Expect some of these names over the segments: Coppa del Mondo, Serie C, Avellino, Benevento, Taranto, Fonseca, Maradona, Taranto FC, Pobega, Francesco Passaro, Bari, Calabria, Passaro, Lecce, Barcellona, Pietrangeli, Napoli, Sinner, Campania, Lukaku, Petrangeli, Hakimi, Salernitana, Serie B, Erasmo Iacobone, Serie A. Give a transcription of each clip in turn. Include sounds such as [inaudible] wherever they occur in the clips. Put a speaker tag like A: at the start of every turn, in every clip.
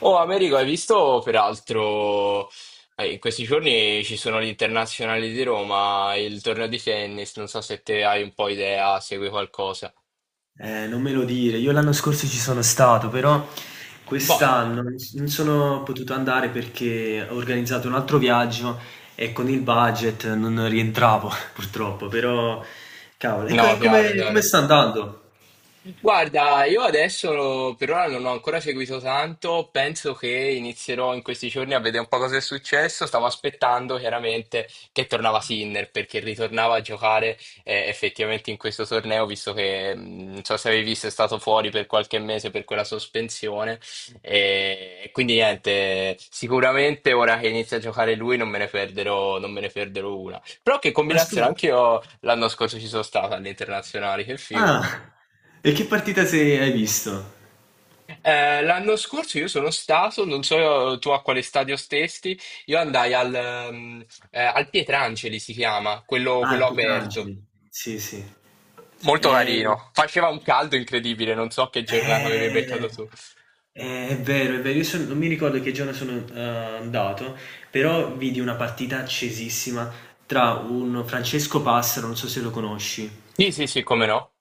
A: Oh, Americo, hai visto peraltro in questi giorni ci sono gli internazionali di Roma, il torneo di tennis, non so se te hai un po' idea, segui qualcosa.
B: Non me lo dire. Io l'anno scorso ci sono stato, però
A: Boh, eh.
B: quest'anno non sono potuto andare perché ho organizzato un altro viaggio e con il budget non rientravo, [laughs] purtroppo. Però, cavolo, e co-
A: No,
B: e
A: chiaro,
B: come, come
A: chiaro.
B: sta andando?
A: Guarda, io adesso per ora non ho ancora seguito tanto, penso che inizierò in questi giorni a vedere un po' cosa è successo. Stavo aspettando chiaramente che tornava Sinner perché ritornava a giocare effettivamente in questo torneo, visto che non so se avevi visto è stato fuori per qualche mese per quella sospensione. E quindi niente, sicuramente ora che inizia a giocare lui non me ne perderò, non me ne perderò una. Però che
B: Ma
A: combinazione,
B: scusa.
A: anche io l'anno scorso ci sono stato alle internazionali, che figo.
B: Ah, e che partita se hai visto?
A: L'anno scorso io sono stato, non so tu a quale stadio stesti, io andai al, al Pietrangeli, si chiama, quello,
B: Ah,
A: quello
B: il
A: aperto.
B: Petrangeli. Sì, sì. Sì.
A: Molto carino. Faceva un caldo incredibile, non so che giornata avevi beccato
B: Eh,
A: tu.
B: è vero, è vero. Non mi ricordo che giorno sono andato, però vidi una partita accesissima tra un Francesco Passaro, non so se lo conosci,
A: Sì, sì, sì, come no.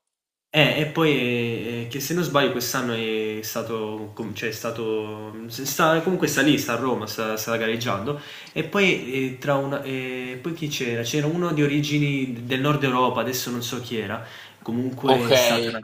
B: e poi, che se non sbaglio quest'anno è stato com cioè è stato s sta comunque sta lì, sta a Roma, sta gareggiando e poi, tra una poi chi c'era? C'era uno di origini d del Nord Europa, adesso non so chi era,
A: Ok.
B: comunque è stata una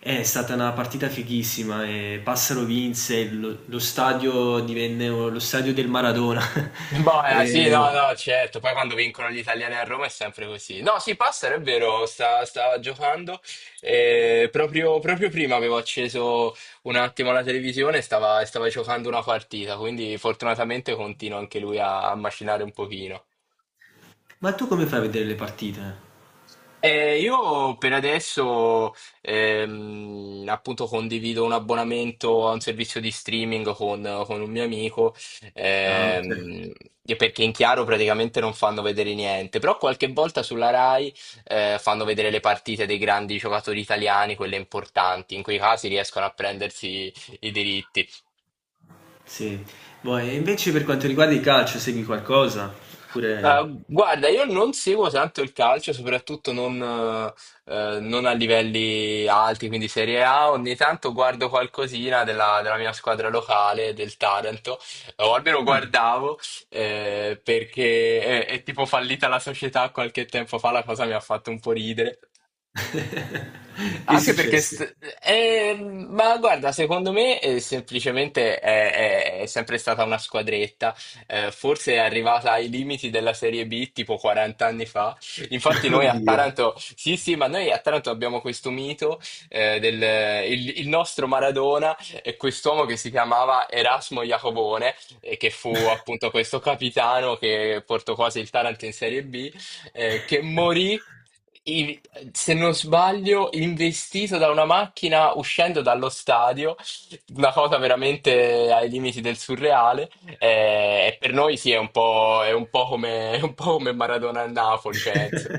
B: eh, è stata una partita fighissima e Passaro vinse, lo stadio divenne o lo stadio del Maradona. [laughs]
A: Boh, sì, no,
B: Ehm,
A: no, certo. Poi quando vincono gli italiani a Roma è sempre così. No, sì, Passaro è vero, stava giocando. E proprio, proprio prima avevo acceso un attimo la televisione e stava, stava giocando una partita, quindi fortunatamente continua anche lui a, a macinare un pochino.
B: ma tu come fai a vedere le partite?
A: Io per adesso appunto condivido un abbonamento a un servizio di streaming con un mio amico
B: Ah, okay.
A: ehm, e perché in chiaro praticamente non fanno vedere niente, però qualche volta sulla Rai fanno vedere le partite dei grandi giocatori italiani, quelle importanti, in quei casi riescono a prendersi i diritti.
B: Sì. Boh, e invece per quanto riguarda il calcio segui qualcosa? Oppure
A: Guarda, io non seguo tanto il calcio, soprattutto non, non a livelli alti, quindi Serie A. Ogni tanto guardo qualcosina della, della mia squadra locale, del Taranto, o almeno
B: ah.
A: guardavo, perché è tipo fallita la società qualche tempo fa, la cosa mi ha fatto un po' ridere.
B: [laughs] Che è
A: Anche perché,
B: successo?
A: ma guarda, secondo me semplicemente è, è sempre stata una squadretta, forse è arrivata ai limiti della Serie B tipo 40 anni fa. Infatti
B: [laughs]
A: noi a
B: Oddio.
A: Taranto, sì sì, ma noi a Taranto abbiamo questo mito del il nostro Maradona e quest'uomo che si chiamava Erasmo Iacobone e che fu appunto questo capitano che portò quasi il Taranto in Serie B, che morì i- se non sbaglio, investito da una macchina uscendo dallo stadio, una cosa veramente ai limiti del surreale. E, per noi sì, è un po' come, [laughs] è un po' come Maradona a Napoli, penso.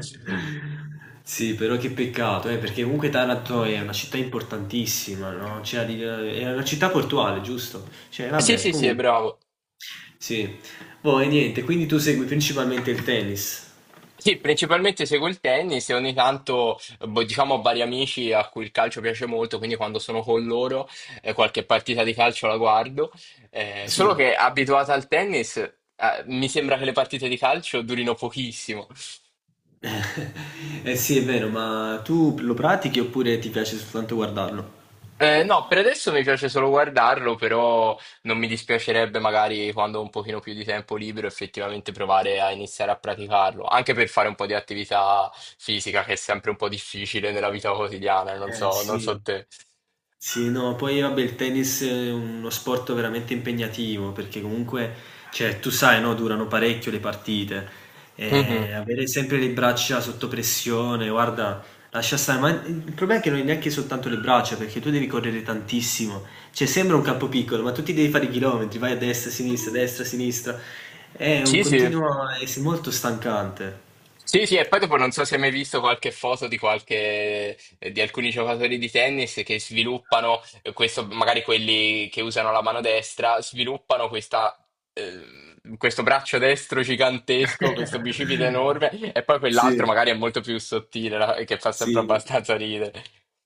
B: Sì, però che peccato, perché comunque Taranto è una città importantissima, no, cioè di è una città portuale, giusto? Cioè
A: Sì,
B: vabbè,
A: sì, sì, è
B: comunque
A: bravo.
B: sì. Boh, e niente, quindi tu segui principalmente il tennis?
A: Sì, principalmente seguo il tennis e ogni tanto, boh, diciamo, ho vari amici a cui il calcio piace molto, quindi quando sono con loro, qualche partita di calcio la guardo.
B: Sì.
A: Solo che abituata al tennis, mi sembra che le partite di calcio durino pochissimo.
B: Eh sì, è vero, ma tu lo pratichi oppure ti piace soltanto guardarlo?
A: No, per adesso mi piace solo guardarlo, però non mi dispiacerebbe magari quando ho un pochino più di tempo libero effettivamente provare a iniziare a praticarlo, anche per fare un po' di attività fisica che è sempre un po' difficile nella vita quotidiana, non
B: Eh
A: so, non so
B: sì.
A: te.
B: Sì, no, poi vabbè il tennis è uno sport veramente impegnativo perché comunque, cioè, tu sai, no, durano parecchio le partite e
A: Mhm.
B: avere sempre le braccia sotto pressione, guarda, lascia stare, ma il problema è che non è neanche soltanto le braccia perché tu devi correre tantissimo, cioè sembra un campo piccolo, ma tu ti devi fare i chilometri, vai a destra, a sinistra, a destra, a sinistra, è un
A: Sì, sì.
B: continuo, è molto stancante.
A: Sì, sì, e poi dopo non so se hai mai visto qualche foto di qualche, di alcuni giocatori di tennis che sviluppano questo, magari quelli che usano la mano destra, sviluppano questa, questo braccio destro gigantesco, questo bicipite
B: [laughs]
A: enorme, e poi
B: Sì,
A: quell'altro magari è molto più sottile, no? E che fa sempre
B: sì.
A: abbastanza ridere.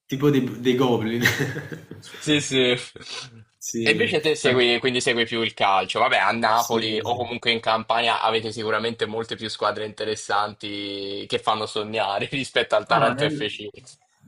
B: Tipo dei Goblin. [laughs]
A: Sì, sì. E
B: Sì,
A: invece te
B: ma
A: segui, quindi segui più il calcio. Vabbè, a Napoli
B: sì,
A: o
B: sì.
A: comunque in Campania avete sicuramente molte più squadre interessanti che fanno sognare [laughs] rispetto al
B: No,
A: Taranto
B: nel
A: FC.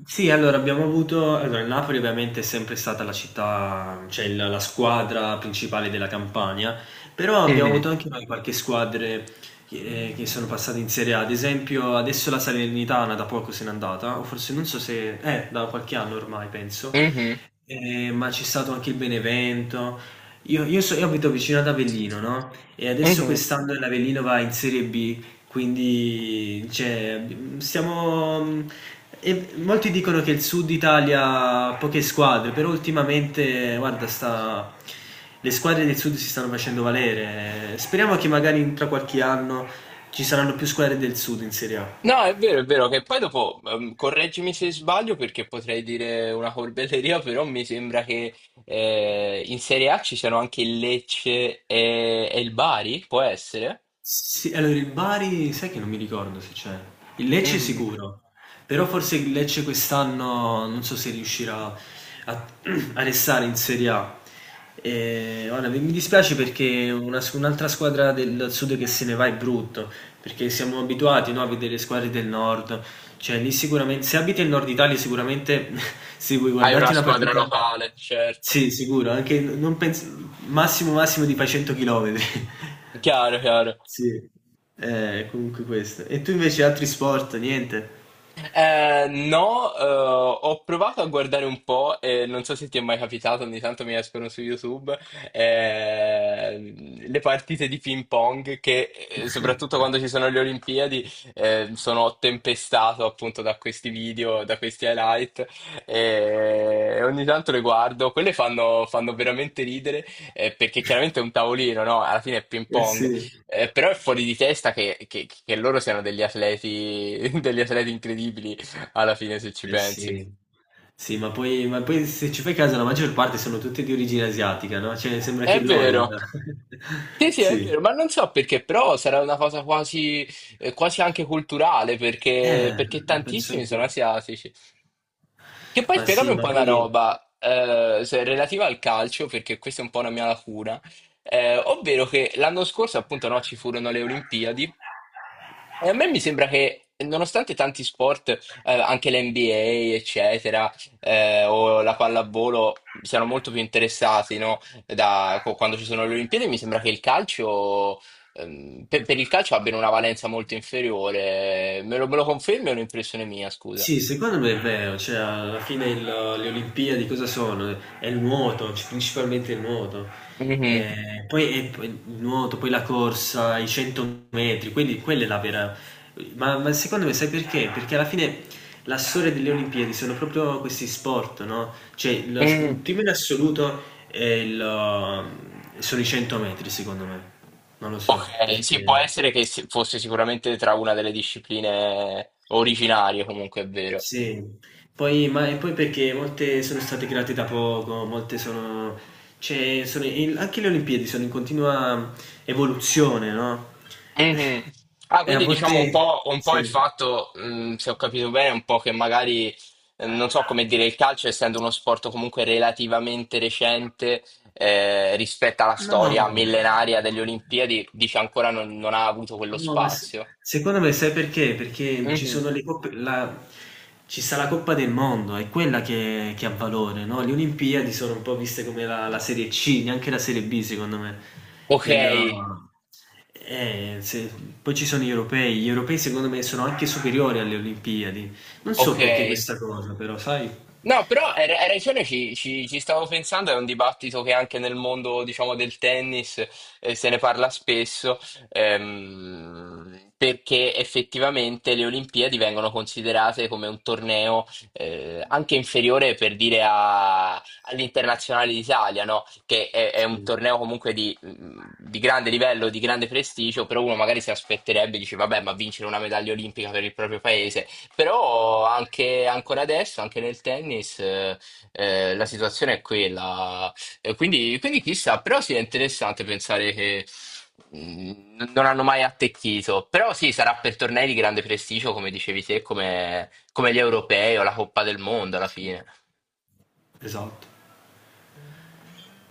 B: sì, allora abbiamo avuto allora il Napoli ovviamente è sempre stata la città cioè il la squadra principale della Campania, però abbiamo
A: Mhm,
B: avuto anche noi qualche squadre che sono passate in Serie A, ad esempio adesso la Salernitana da poco se n'è andata, o forse non so se da qualche anno ormai penso,
A: mhm,
B: ma c'è stato anche il Benevento. Io so io abito vicino ad Avellino, no, e adesso
A: mhm.
B: quest'anno l'Avellino va in Serie B, quindi cioè, siamo. E molti dicono che il sud Italia ha poche squadre, però ultimamente, guarda, le squadre del sud si stanno facendo valere. Speriamo che magari tra qualche anno ci saranno più squadre del sud in Serie A.
A: No, è vero che poi dopo, correggimi se sbaglio perché potrei dire una corbelleria, [laughs] però mi sembra che in Serie A ci siano anche il Lecce e il Bari, può essere?
B: Sì, allora il Bari sai che non mi ricordo se c'è. Il Lecce
A: Mhm.
B: sicuro, però forse il Lecce quest'anno non so se riuscirà a, [clears throat] a restare in Serie A. E, guarda, mi dispiace perché un'altra squadra del sud che se ne va è brutto, perché siamo abituati, no, a vedere le squadre del nord. Cioè, lì sicuramente, se abiti in Nord Italia, sicuramente [laughs] se vuoi
A: Hai una
B: guardarti una
A: squadra
B: partita...
A: locale, certo.
B: Sì, sicuro, anche non penso, massimo massimo ti fai 100 km. [laughs]
A: Chiaro, chiaro.
B: Sì, comunque questo. E tu invece altri sport, niente?
A: No, ho provato a guardare un po' e non so se ti è mai capitato, ogni tanto mi escono su YouTube eh, le partite di ping pong che, soprattutto
B: [laughs]
A: quando ci sono le Olimpiadi, sono tempestato appunto da questi video, da questi highlight e ogni tanto le guardo. Quelle fanno, fanno veramente ridere perché chiaramente è un tavolino, no? Alla fine è ping
B: Eh
A: pong.
B: sì,
A: Però è fuori di testa che, che loro siano degli atleti, [laughs] degli atleti incredibili alla fine, se ci
B: eh
A: pensi.
B: sì. Sì, ma poi se ci fai caso la maggior parte sono tutte di origine asiatica, no? Cioè sembra che
A: È
B: l'Orel...
A: vero, sì,
B: [laughs]
A: sì, è
B: Sì.
A: vero, ma non so perché, però sarà una cosa quasi, quasi anche culturale, perché,
B: Eh,
A: perché
B: la penso
A: tantissimi sono
B: anch'io.
A: asiatici. Che poi
B: Ma
A: spiegami
B: sì,
A: un
B: ma
A: po' una
B: poi...
A: roba, relativa al calcio, perché questa è un po' una mia lacuna, ovvero che l'anno scorso, appunto, no, ci furono le Olimpiadi. E a me mi sembra che, nonostante tanti sport, anche l'NBA, eccetera, o la pallavolo, siano molto più interessati, no? Da, quando ci sono le Olimpiadi, mi sembra che il calcio, per il calcio abbiano una valenza molto inferiore. Me lo confermi o è un'impressione mia, scusa?
B: Sì, secondo me è vero, cioè alla fine le Olimpiadi cosa sono? È il nuoto, principalmente il nuoto.
A: Mhm.
B: Poi è poi il nuoto, poi la corsa, i 100 metri, quindi quella è la vera... Ma secondo me sai perché? Perché alla fine la storia delle Olimpiadi sono proprio questi sport, no? Cioè il
A: Mm.
B: primo in assoluto sono i 100 metri, secondo me, non lo so
A: Ok, sì, può
B: perché...
A: essere che fosse sicuramente tra una delle discipline originarie, comunque è vero.
B: Sì, poi, ma, e poi perché molte sono state create da poco, molte sono, cioè, anche le Olimpiadi sono in continua evoluzione, no?
A: Mhm.
B: [laughs]
A: Ah,
B: E a
A: quindi diciamo
B: volte,
A: un po'
B: sì.
A: il fatto, se ho capito bene, un po' che magari, non so come dire, il calcio, essendo uno sport comunque relativamente recente, rispetto alla
B: No,
A: storia millenaria delle Olimpiadi, dice ancora non, non ha avuto quello
B: no,
A: spazio.
B: secondo me sai perché? Perché ci
A: Mhm.
B: sono le coppe, ci sta la Coppa del Mondo, è quella che ha valore, no? Le Olimpiadi sono un po' viste come la Serie C, neanche la Serie B, secondo me.
A: Ok,
B: Del- eh, se- poi ci sono gli europei secondo me sono anche superiori alle Olimpiadi. Non so
A: ok.
B: perché questa cosa, però, sai?
A: No, però hai ragione, ci, ci stavo pensando, è un dibattito che anche nel mondo, diciamo, del tennis se ne parla spesso, perché effettivamente le Olimpiadi vengono considerate come un torneo anche inferiore per dire all'Internazionale d'Italia, no? Che è un
B: Sì,
A: torneo comunque di, mm, di grande livello, di grande prestigio, però uno magari si aspetterebbe, dice, vabbè, ma vincere una medaglia olimpica per il proprio paese. Però anche ancora adesso, anche nel tennis, la situazione è quella. E quindi, quindi chissà, però sì, è interessante pensare che non hanno mai attecchito. Però sì, sarà per tornei di grande prestigio, come dicevi te, come, come gli europei o la Coppa del Mondo alla
B: sì,
A: fine.
B: esatto.